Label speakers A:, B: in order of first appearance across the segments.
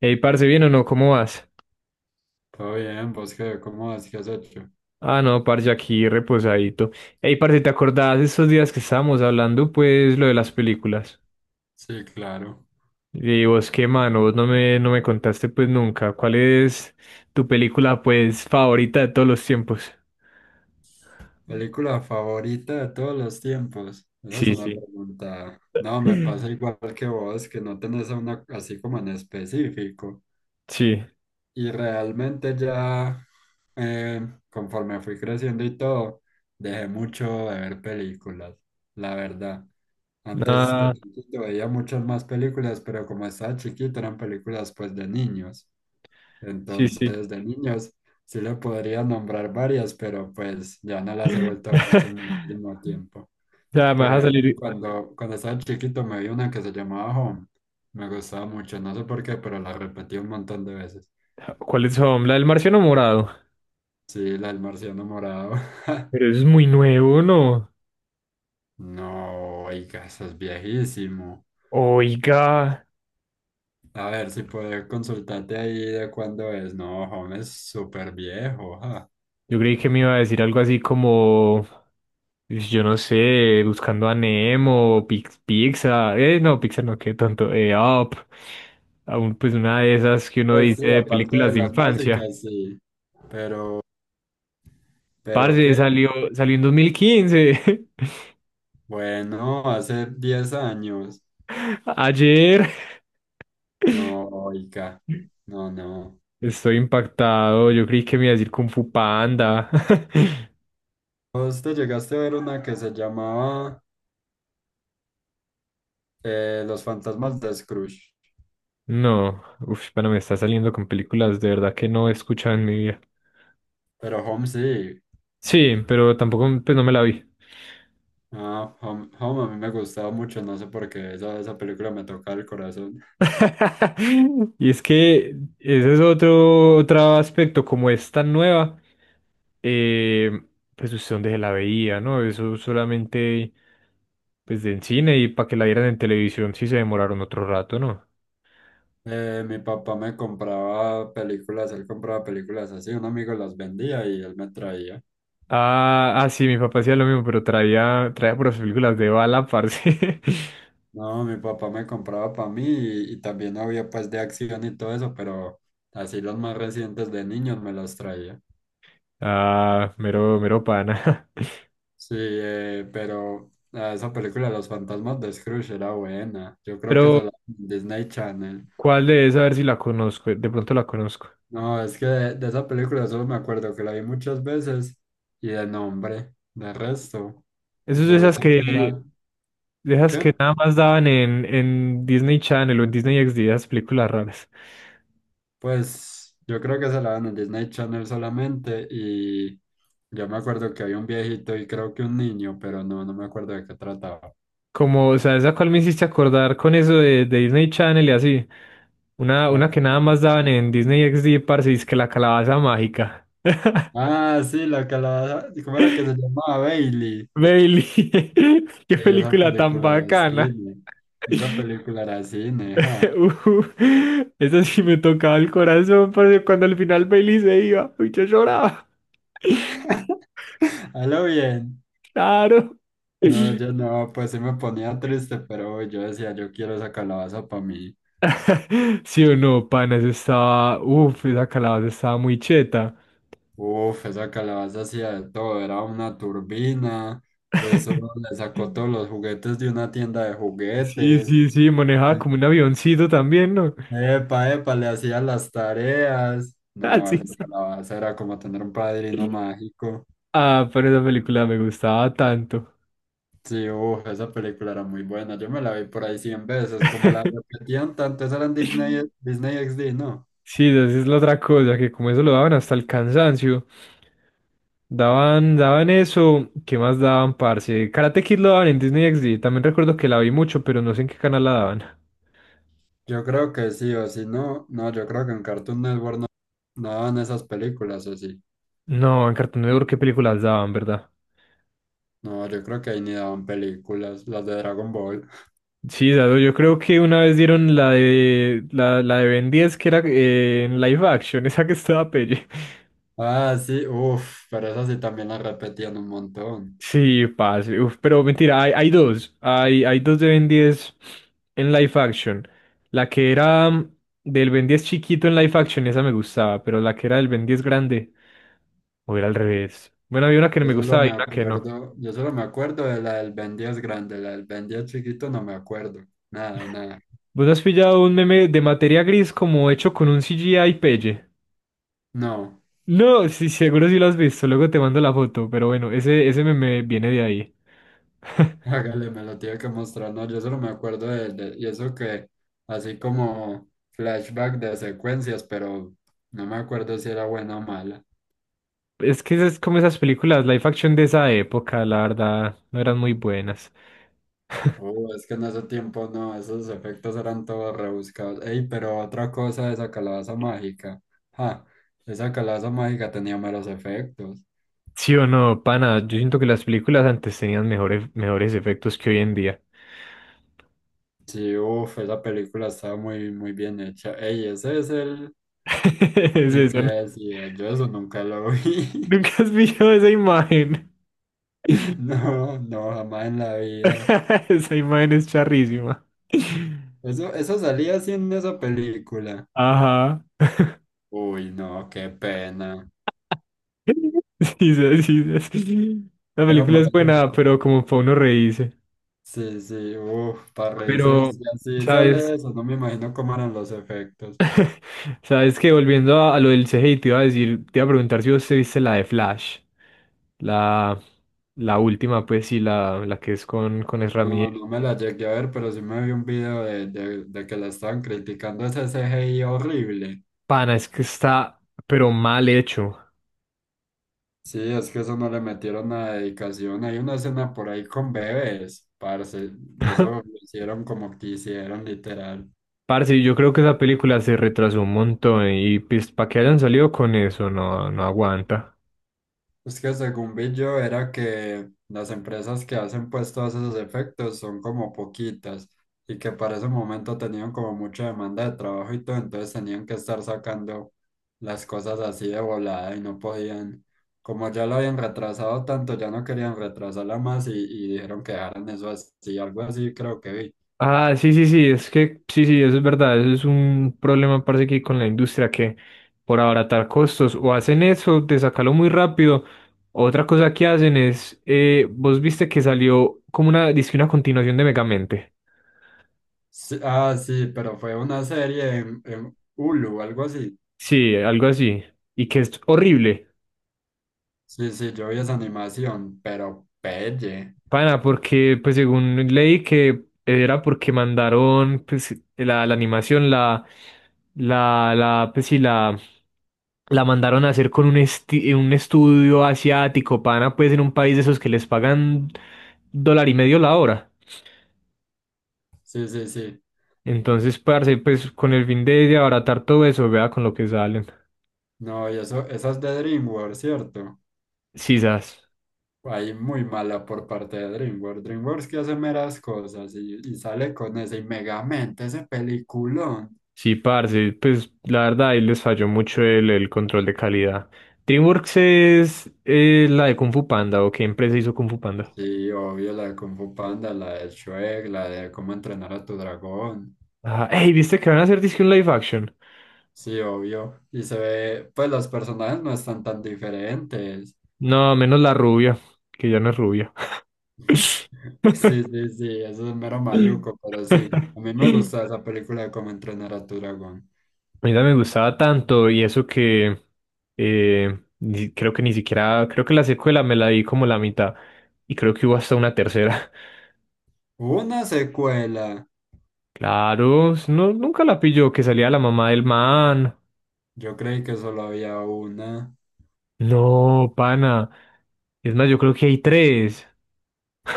A: Ey, parce, ¿bien o no? ¿Cómo vas?
B: Todo bien, vos qué, ¿cómo vas? ¿Qué has hecho?
A: Ah, no, parce, aquí reposadito. Ey, parce, ¿te acordás de esos días que estábamos hablando, pues, lo de las películas?
B: Sí, claro.
A: Y vos, qué mano, vos no me contaste, pues, nunca. ¿Cuál es tu película, pues, favorita de todos los tiempos?
B: ¿Película favorita de todos los tiempos? Esa es
A: Sí,
B: una
A: sí.
B: pregunta. No, me pasa igual que vos, que no tenés a una así como en específico.
A: Sí.
B: Y realmente ya, conforme fui creciendo y todo, dejé mucho de ver películas, la verdad. Antes de
A: Ah,
B: chiquito veía muchas más películas, pero como estaba chiquito eran películas pues de niños.
A: sí, sí.
B: Entonces, de niños, sí le podría nombrar varias, pero pues ya no las he vuelto a ver hace muchísimo tiempo.
A: O sea, me
B: Por
A: vas a
B: ejemplo,
A: salir.
B: cuando estaba chiquito me vi una que se llamaba Home. Me gustaba mucho, no sé por qué, pero la repetí un montón de veces.
A: ¿Cuáles son? La del Marciano Morado.
B: Sí, la del marciano morado.
A: Pero es muy nuevo, ¿no?
B: No, oiga, eso es viejísimo.
A: Oiga.
B: A ver si puedo consultarte ahí de cuándo es. No, Home es súper viejo, ja.
A: Yo creí que me iba a decir algo así como, "Pues, yo no sé, buscando a Nemo, Pixar, no, Pixar no, qué tonto, Up, aún pues una de esas que uno
B: Pues sí,
A: dice de
B: aparte de
A: películas de
B: las
A: infancia.
B: básicas, sí. Pero,
A: Parce,
B: pero qué.
A: salió en 2015
B: Bueno, hace 10 años.
A: ayer.
B: No, oiga. No, no.
A: Estoy impactado, yo creí que me iba a decir Kung Fu Panda.
B: Vos te llegaste a ver una que se llamaba Los fantasmas de Scrooge.
A: No, uf, bueno, me está saliendo con películas de verdad que no he escuchado en mi vida.
B: Pero Home sí.
A: Sí, pero tampoco, pues no me la vi.
B: Ah, Home, Home a mí me gustaba mucho, no sé por qué. Esa película me tocaba el corazón.
A: Y es que ese es otro, otro aspecto, como es tan nueva, eh, pues usted dónde se la veía, ¿no? Eso solamente pues en cine y para que la vieran en televisión sí se demoraron otro rato, ¿no?
B: Mi papá me compraba películas, él compraba películas así. Un amigo las vendía y él me traía.
A: Ah, ah, sí, mi papá hacía lo mismo, pero traía por las películas de bala, parce.
B: No, mi papá me compraba para mí y también había pues de acción y todo eso, pero así los más recientes de niños me los traía.
A: Ah, mero, mero pana.
B: Sí, pero esa película Los fantasmas de Scrooge era buena. Yo creo que
A: Pero,
B: se la en Disney Channel.
A: ¿cuál de esas? A ver si la conozco, de pronto la conozco.
B: No, es que de esa película solo me acuerdo que la vi muchas veces y de nombre. De resto,
A: Eso
B: yo sé que era...
A: de esas
B: ¿Qué?
A: que nada más daban en Disney Channel o en Disney XD, esas películas raras.
B: Pues yo creo que se la dan en Disney Channel solamente y yo me acuerdo que había un viejito y creo que un niño, pero no, no me acuerdo de qué trataba.
A: Como, o sea, esa cual me hiciste acordar con eso de Disney Channel y así. Una,
B: No
A: una
B: acu-
A: que nada más daban en Disney XD, parce, es que la calabaza mágica.
B: Ah, sí, la que la... ¿Cómo era que se llamaba? Bailey.
A: Bailey, qué
B: Ey, esa
A: película tan
B: película era
A: bacana.
B: cine. Esa película era cine, ja.
A: Uh, esa sí me tocaba el corazón, parce, cuando al final Bailey se iba, uy, yo lloraba.
B: A lo bien.
A: Claro.
B: No, yo no, pues sí me ponía triste, pero yo decía, yo quiero esa calabaza para mí.
A: Sí o no, pana, eso estaba. Uf, esa calabaza estaba muy cheta.
B: Uf, esa calabaza hacía de todo, era una turbina, eso le sacó todos los juguetes de una tienda de
A: Sí,
B: juguetes.
A: sí, sí, manejaba como un avioncito también, ¿no?
B: Epa, epa, le hacía las tareas. No,
A: Así
B: esa
A: es.
B: calabaza era como tener un padrino mágico.
A: Ah, pero esa película me gustaba tanto.
B: Sí, uf, esa película era muy buena. Yo me la vi por ahí 100 veces, como la repetían tanto, esa era en Disney, Disney XD, ¿no?
A: Sí, esa es la otra cosa, que como eso lo daban hasta el cansancio. Daban eso, ¿qué más daban, parce? Karate Kid lo daban en Disney XD. También recuerdo que la vi mucho, pero no sé en qué canal la daban.
B: Yo creo que sí, o si no, no, yo creo que en Cartoon Network no, no daban esas películas, o sí.
A: No, en Cartoon Network qué películas daban, ¿verdad?
B: No, yo creo que ahí ni daban películas, las de Dragon Ball.
A: Sí, dado, yo creo que una vez dieron la de la, la de Ben 10 que era en live action, esa que estaba pelle.
B: Ah, sí, uff, pero esas sí también las repetían un montón.
A: Sí, pase. Uf, pero mentira, hay dos. Hay dos de Ben 10 en live action. La que era del Ben 10 chiquito en live action, esa me gustaba, pero la que era del Ben 10 grande, o era al revés. Bueno, había una que no
B: Yo
A: me
B: solo
A: gustaba y
B: me
A: una que no.
B: acuerdo, yo solo me acuerdo de la del Ben 10 grande, la del Ben 10 chiquito no me acuerdo. Nada, nada.
A: ¿Vos has pillado un meme de materia gris como hecho con un CGI pelle?
B: No.
A: No, sí, seguro sí lo has visto, luego te mando la foto, pero bueno, ese meme viene de ahí.
B: Hágale, me lo tiene que mostrar. No, yo solo me acuerdo y eso que, así como flashback de secuencias, pero no me acuerdo si era buena o mala.
A: Es que es como esas películas live action de esa época, la verdad, no eran muy buenas.
B: Oh, es que en ese tiempo no, esos efectos eran todos rebuscados. Ey, pero otra cosa de esa calabaza mágica. Ja, esa calabaza mágica tenía meros efectos.
A: Sí o no, pana, yo siento que las películas antes tenían mejores, mejores efectos que hoy en día.
B: Sí, uff, esa película estaba muy bien hecha. Ey, ese es
A: Es
B: el que
A: eso, ¿no?
B: decía. Yo eso nunca lo vi.
A: Nunca has visto esa imagen.
B: No, no, jamás en la vida.
A: Esa imagen es charrísima.
B: Eso salía así en esa película.
A: Ajá.
B: Uy, no, qué pena.
A: Sí, sí, sí, sí. La
B: Era
A: película es buena,
B: maluco.
A: pero como para uno reírse.
B: Sí, sí, uff, para reírse.
A: Pero,
B: Si así sale
A: ¿sabes?
B: eso, no me imagino cómo eran los efectos.
A: ¿Sabes que Volviendo a lo del C CGI, te iba a decir, te iba a preguntar si vos te viste la de Flash, la, la última, pues sí, la que es con Ezra
B: No, no
A: Miller.
B: me la llegué a ver, pero sí me vi un video de que la estaban criticando ese CGI horrible.
A: Pana, es que está, pero mal hecho.
B: Sí, es que eso no le metieron nada de dedicación. Hay una escena por ahí con bebés, parce. Eso lo hicieron como quisieron, literal.
A: Parce, yo creo que esa película se retrasó un montón y pues para que hayan salido con eso, no, no aguanta.
B: Es que según vi yo era que las empresas que hacen pues todos esos efectos son como poquitas y que para ese momento tenían como mucha demanda de trabajo y todo, entonces tenían que estar sacando las cosas así de volada y no podían, como ya lo habían retrasado tanto, ya no querían retrasarla más y dijeron que dejaran eso así, algo así creo que vi.
A: Ah, sí, sí, sí, es que sí, sí, eso es verdad, eso es un problema, parece que hay con la industria que por abaratar costos o hacen eso de sacarlo muy rápido. Otra cosa que hacen es, vos viste que salió como una, dizque una continuación de Megamente.
B: Sí, ah, sí, pero fue una serie en Hulu, algo así.
A: Sí, algo así, y que es horrible.
B: Sí, sí, yo vi esa animación, pero pelle.
A: Pana, porque pues según leí que era porque mandaron pues la animación, la, pues sí, la mandaron a hacer con un, un estudio asiático, pana, pues en un país de esos que les pagan dólar y medio la hora.
B: Sí, sí, sí.
A: Entonces, parce, pues con el fin de abaratar todo eso, vea con lo que salen.
B: No, y eso, esa es de DreamWorks, ¿cierto?
A: Sisas.
B: Ahí muy mala por parte de DreamWorks. DreamWorks que hace meras cosas y sale con ese y Megamente, ese peliculón.
A: Sí, parce, pues la verdad ahí les falló mucho el control de calidad. DreamWorks es la de Kung Fu Panda, ¿o qué empresa hizo Kung Fu Panda?
B: Sí, obvio, la de Kung Fu Panda, la de Shrek, la de Cómo entrenar a tu dragón.
A: Ah, ey, ¿viste que van a hacer disque un live action?
B: Sí, obvio. Y se ve, pues los personajes no están tan diferentes.
A: No, menos la rubia, que ya no es rubia.
B: Sí, sí, sí, eso es mero maluco, pero sí. A mí me gusta esa película de Cómo entrenar a tu dragón.
A: Mira, me gustaba tanto y eso que creo que ni siquiera, creo que la secuela me la di como la mitad y creo que hubo hasta una tercera.
B: Una secuela.
A: Claro, no, nunca la pilló que salía la mamá del man.
B: Yo creí que solo había una.
A: No, pana. Es más, yo creo que hay tres.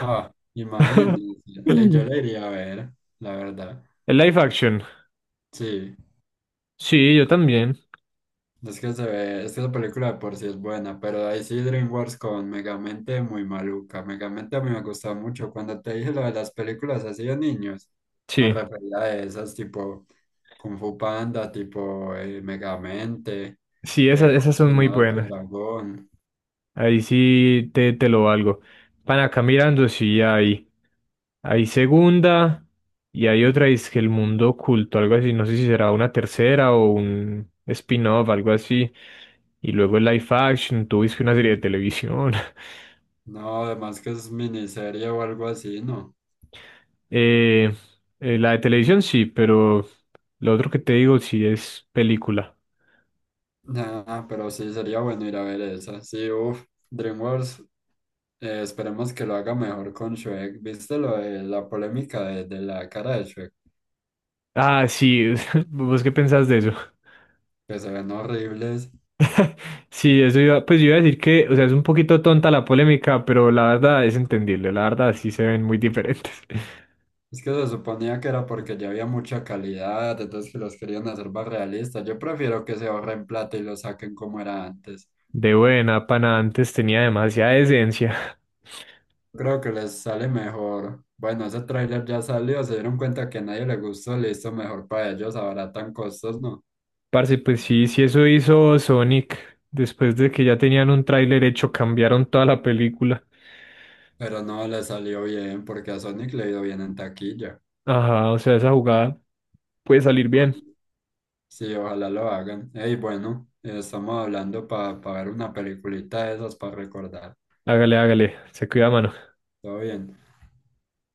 B: Ah, imagínense. Yo
A: El
B: la iría a ver, la verdad.
A: live action.
B: Sí,
A: Sí, yo también.
B: es que se ve, es que la película de por sí es buena, pero ahí sí DreamWorks con Megamente muy maluca. Megamente a mí me gusta mucho. Cuando te dije lo de las películas así de niños, me
A: Sí,
B: refería a esas tipo Kung Fu Panda, tipo Megamente,
A: sí, esas,
B: Cómo
A: esas son muy
B: entrenar a tu
A: buenas.
B: dragón.
A: Ahí sí te lo valgo. Van acá mirando, sí, hay segunda y hay otra, es que el mundo oculto, algo así. No sé si será una tercera o un spin-off, algo así. Y luego el live action, tú viste una serie de televisión.
B: No, además que es miniserie o algo así, ¿no?
A: Eh, la de televisión sí, pero lo otro que te digo sí es película.
B: Nah, pero sí sería bueno ir a ver esa. Sí, uff, DreamWorks, esperemos que lo haga mejor con Shrek. ¿Viste lo de la polémica de la cara de Shrek?
A: Ah, sí, ¿vos qué pensás de eso?
B: Que se ven horribles.
A: Sí, eso iba, pues yo iba a decir que, o sea, es un poquito tonta la polémica, pero la verdad es entendible, la verdad sí se ven muy diferentes.
B: Es que se suponía que era porque ya había mucha calidad, entonces que los querían hacer más realistas. Yo prefiero que se ahorren plata y lo saquen como era antes.
A: De buena, pana, antes tenía demasiada esencia.
B: Creo que les sale mejor. Bueno, ese tráiler ya salió, se dieron cuenta que a nadie le gustó, listo, mejor para ellos, abaratan costos, ¿no?
A: Parce, pues sí, sí eso hizo Sonic, después de que ya tenían un tráiler hecho, cambiaron toda la película.
B: Pero no le salió bien porque a Sonic le ha ido bien en taquilla.
A: Ajá, o sea, esa jugada puede salir bien.
B: Sí, ojalá lo hagan. Ey, bueno, estamos hablando para ver una peliculita de esas para recordar.
A: Hágale, hágale, se cuida, mano.
B: Todo bien.